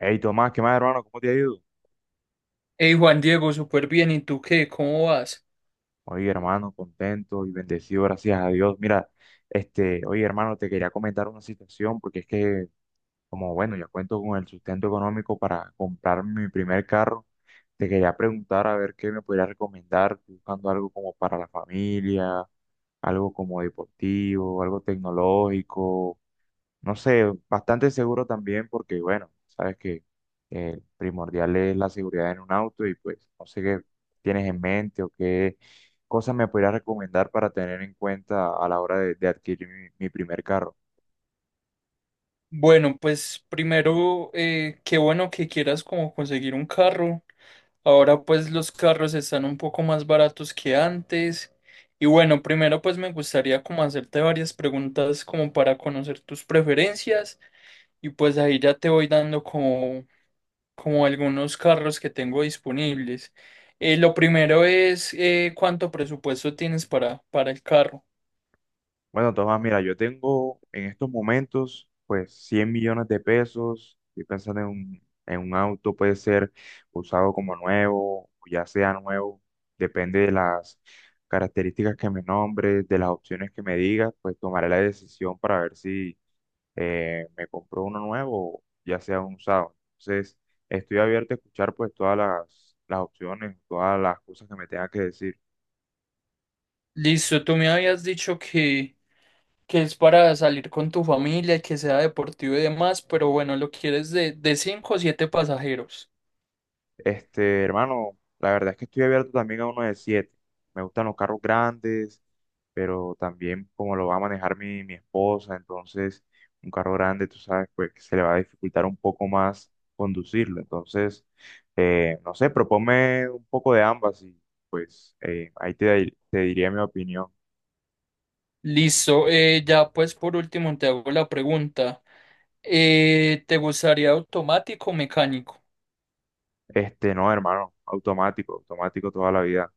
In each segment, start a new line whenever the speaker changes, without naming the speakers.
Hey Tomás, ¿qué más, hermano? ¿Cómo te ha ido?
Hey Juan Diego, súper bien. ¿Y tú qué? ¿Cómo vas?
Oye, hermano, contento y bendecido, gracias a Dios. Mira, oye, hermano, te quería comentar una situación porque es que, como bueno, ya cuento con el sustento económico para comprar mi primer carro. Te quería preguntar a ver qué me podrías recomendar. Estoy buscando algo como para la familia, algo como deportivo, algo tecnológico. No sé, bastante seguro también porque, bueno, sabes que primordial es la seguridad en un auto, y pues no sé qué tienes en mente o qué cosas me podrías recomendar para tener en cuenta a la hora de adquirir mi primer carro.
Bueno, pues primero, qué bueno que quieras como conseguir un carro. Ahora pues los carros están un poco más baratos que antes. Y bueno, primero pues me gustaría como hacerte varias preguntas como para conocer tus preferencias y pues ahí ya te voy dando como algunos carros que tengo disponibles. Lo primero es ¿cuánto presupuesto tienes para el carro?
Bueno, Tomás, mira, yo tengo en estos momentos pues 100 millones de pesos. Estoy pensando en un auto, puede ser usado como nuevo, o ya sea nuevo, depende de las características que me nombres, de las opciones que me digas. Pues tomaré la decisión para ver si me compro uno nuevo o ya sea un usado. Entonces, estoy abierto a escuchar pues todas las opciones, todas las cosas que me tengas que decir.
Listo, tú me habías dicho que es para salir con tu familia, y que sea deportivo y demás, pero bueno, lo quieres de cinco o siete pasajeros.
Hermano, la verdad es que estoy abierto también a uno de siete. Me gustan los carros grandes, pero también como lo va a manejar mi esposa, entonces un carro grande, tú sabes, pues que se le va a dificultar un poco más conducirlo. Entonces, no sé, proponme un poco de ambas y pues ahí te, te diría mi opinión.
Listo, ya pues por último te hago la pregunta. ¿Te gustaría automático o mecánico?
No, hermano, automático, automático toda la vida.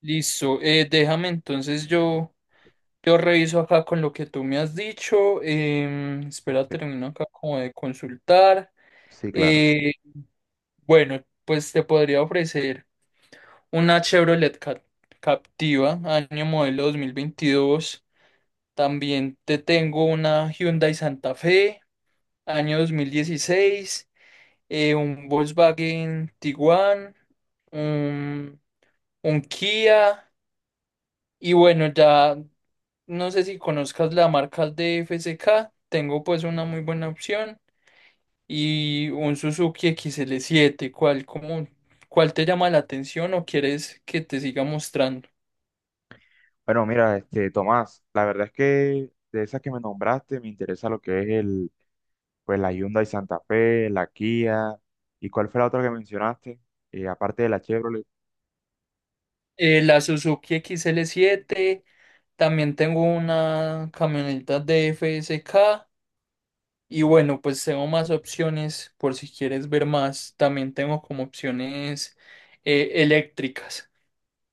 Listo, déjame entonces yo reviso acá con lo que tú me has dicho. Espera,
Sí,
termino acá como de consultar.
sí, claro.
Eh, bueno, pues te podría ofrecer. Una Chevrolet Captiva, año modelo 2022. También te tengo una Hyundai Santa Fe, año 2016. Un Volkswagen Tiguan, un, un Kia. Y bueno, ya no sé si conozcas la marca de FCK. Tengo pues una muy buena opción. Y un Suzuki XL7. ¿Cuál te llama la atención o quieres que te siga mostrando?
Bueno, mira, Tomás, la verdad es que de esas que me nombraste, me interesa lo que es el, pues la Hyundai Santa Fe, la Kia, ¿y cuál fue la otra que mencionaste? Aparte de la Chevrolet.
La Suzuki XL7. También tengo una camioneta de FSK y bueno, pues tengo más opciones por si quieres ver más, también tengo como opciones eléctricas.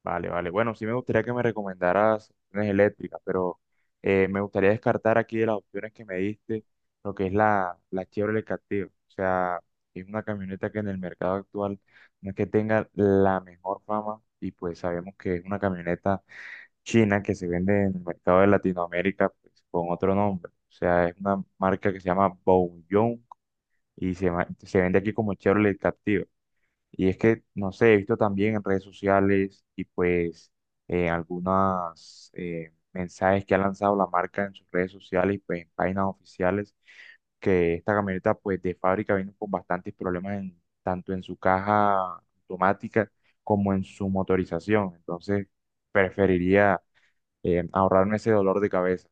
Vale, vale. Bueno, sí me gustaría que me recomendaras opciones eléctricas, pero me gustaría descartar aquí de las opciones que me diste, lo que es la Chevrolet Captiva. O sea, es una camioneta que en el mercado actual no es que tenga la mejor fama, y pues sabemos que es una camioneta China que se vende en el mercado de Latinoamérica, pues, con otro nombre. O sea, es una marca que se llama Bouyong y se, se vende aquí como Chevrolet Captiva. Y es que, no sé, he visto también en redes sociales y pues algunos mensajes que ha lanzado la marca en sus redes sociales y pues en páginas oficiales, que esta camioneta pues de fábrica vino con bastantes problemas en, tanto en su caja automática como en su motorización. Entonces preferiría ahorrarme ese dolor de cabeza.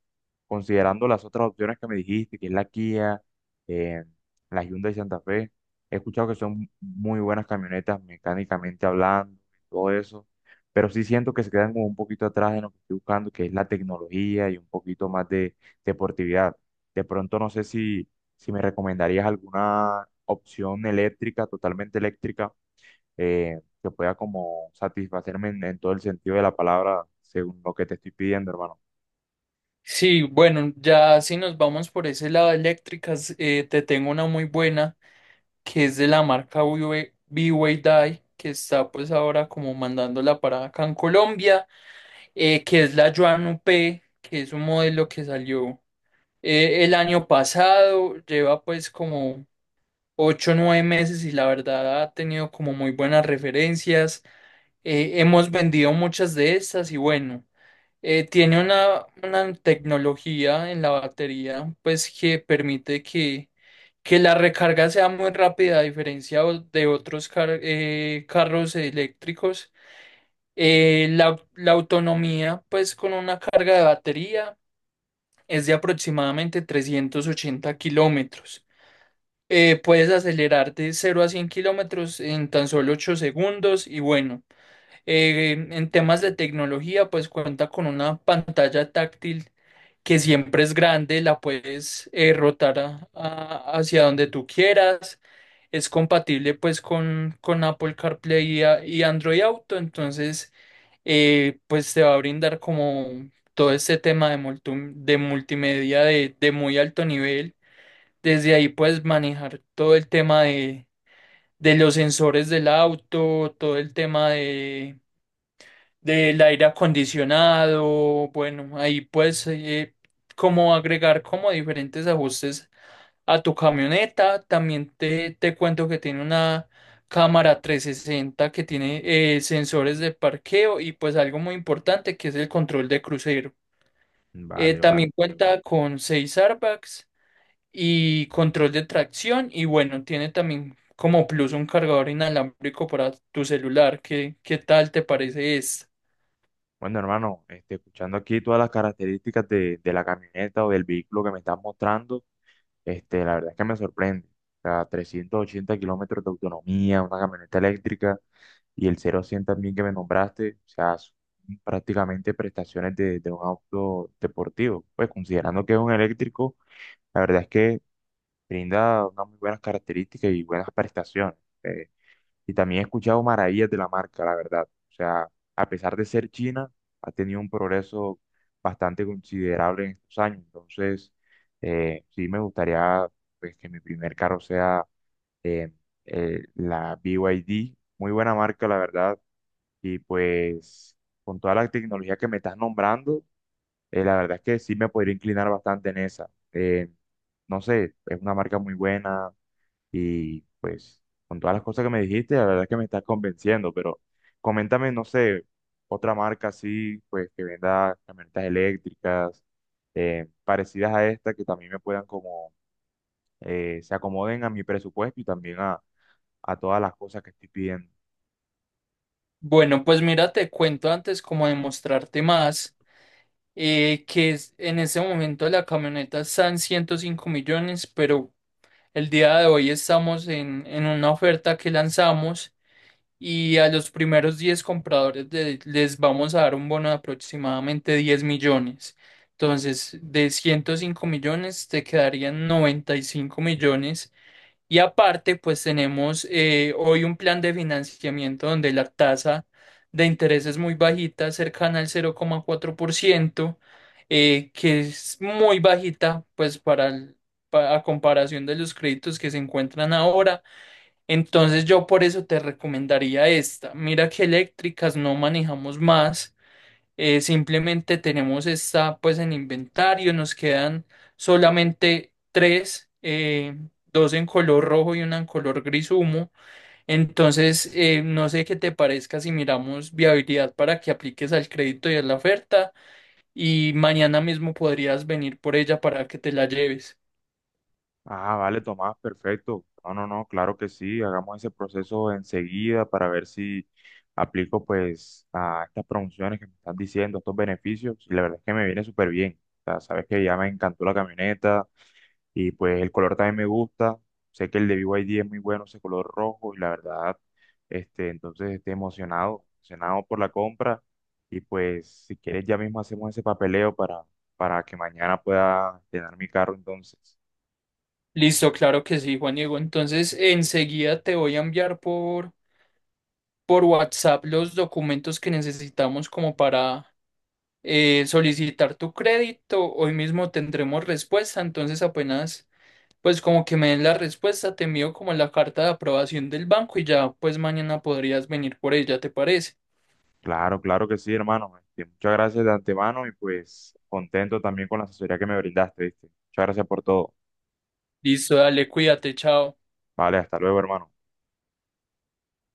Considerando las otras opciones que me dijiste, que es la Kia, eh, la Hyundai Santa Fe, he escuchado que son muy buenas camionetas mecánicamente hablando, todo eso, pero sí siento que se quedan como un poquito atrás en lo que estoy buscando, que es la tecnología y un poquito más de deportividad. De pronto no sé si, si me recomendarías alguna opción eléctrica, totalmente eléctrica, que pueda como satisfacerme en todo el sentido de la palabra, según lo que te estoy pidiendo, hermano.
Sí, bueno, ya si nos vamos por ese lado eléctricas, te tengo una muy buena que es de la marca BYD, que está pues ahora como mandándola para acá en Colombia, que es la Yuan Up, que es un modelo que salió. El año pasado lleva pues como 8 o 9 meses y la verdad ha tenido como muy buenas referencias. Hemos vendido muchas de estas y bueno, tiene una tecnología en la batería pues que permite que la recarga sea muy rápida a diferencia de otros carros eléctricos. La autonomía pues con una carga de batería es de aproximadamente 380 kilómetros. Puedes acelerar de 0 a 100 kilómetros en tan solo 8 segundos y bueno, en temas de tecnología pues cuenta con una pantalla táctil que siempre es grande. La puedes rotar hacia donde tú quieras. Es compatible pues con Apple CarPlay y Android Auto, entonces pues te va a brindar como todo este tema de multimedia de muy alto nivel. Desde ahí puedes manejar todo el tema de los sensores del auto, todo el tema del aire acondicionado, bueno, ahí puedes como agregar como diferentes ajustes a tu camioneta. También te cuento que tiene una cámara 360 que tiene sensores de parqueo y pues algo muy importante que es el control de crucero.
Vale, vale.
También cuenta con seis airbags y control de tracción y bueno, tiene también como plus un cargador inalámbrico para tu celular. ¿Qué tal te parece este?
Bueno, hermano, escuchando aquí todas las características de la camioneta o del vehículo que me estás mostrando, la verdad es que me sorprende. O sea, 380 kilómetros de autonomía, una camioneta eléctrica, y el cero a 100 también que me nombraste, o sea, son prácticamente prestaciones de un auto deportivo. Pues considerando que es un eléctrico, la verdad es que brinda unas muy buenas características y buenas prestaciones. eh, y también he escuchado maravillas de la marca, la verdad. O sea, a pesar de ser China, ha tenido un progreso bastante considerable en estos años. Entonces, sí me gustaría pues que mi primer carro sea eh, la BYD. Muy buena marca, la verdad. Y pues con toda la tecnología que me estás nombrando, la verdad es que sí me podría inclinar bastante en esa. No sé, es una marca muy buena, y pues con todas las cosas que me dijiste, la verdad es que me estás convenciendo, pero coméntame, no sé, otra marca así, pues que venda camionetas eléctricas, parecidas a esta, que también me puedan como, se acomoden a mi presupuesto y también a todas las cosas que estoy pidiendo.
Bueno, pues mira, te cuento antes como demostrarte más, en ese momento la camioneta está en 105 millones, pero el día de hoy estamos en una oferta que lanzamos y a los primeros 10 compradores les vamos a dar un bono de aproximadamente 10 millones. Entonces, de 105 millones te quedarían 95 millones y aparte, pues tenemos hoy un plan de financiamiento donde la tasa de interés es muy bajita, cercana al 0,4%, que es muy bajita, pues a comparación de los créditos que se encuentran ahora. Entonces yo por eso te recomendaría esta. Mira que eléctricas no manejamos más. Simplemente tenemos esta pues en inventario, nos quedan solamente tres, dos en color rojo y una en color gris humo. Entonces, no sé qué te parezca si miramos viabilidad para que apliques al crédito y a la oferta y mañana mismo podrías venir por ella para que te la lleves.
Ah, vale, Tomás, perfecto. No, no, no, claro que sí. Hagamos ese proceso enseguida para ver si aplico pues a estas promociones que me están diciendo, estos beneficios. Y la verdad es que me viene súper bien. O sea, sabes que ya me encantó la camioneta y pues el color también me gusta. Sé que el de BYD es muy bueno, ese color rojo. Y la verdad, entonces estoy emocionado, emocionado por la compra. Y pues si quieres ya mismo hacemos ese papeleo para que mañana pueda tener mi carro entonces.
Listo, claro que sí, Juan Diego. Entonces, enseguida te voy a enviar por WhatsApp los documentos que necesitamos como para solicitar tu crédito. Hoy mismo tendremos respuesta. Entonces apenas, pues como que me den la respuesta, te envío como la carta de aprobación del banco y ya pues mañana podrías venir por ella, ¿te parece?
Claro, claro que sí, hermano. Muchas gracias de antemano y pues contento también con la asesoría que me brindaste, ¿viste? Muchas gracias por todo.
Listo, dale, cuídate, chao.
Vale, hasta luego, hermano.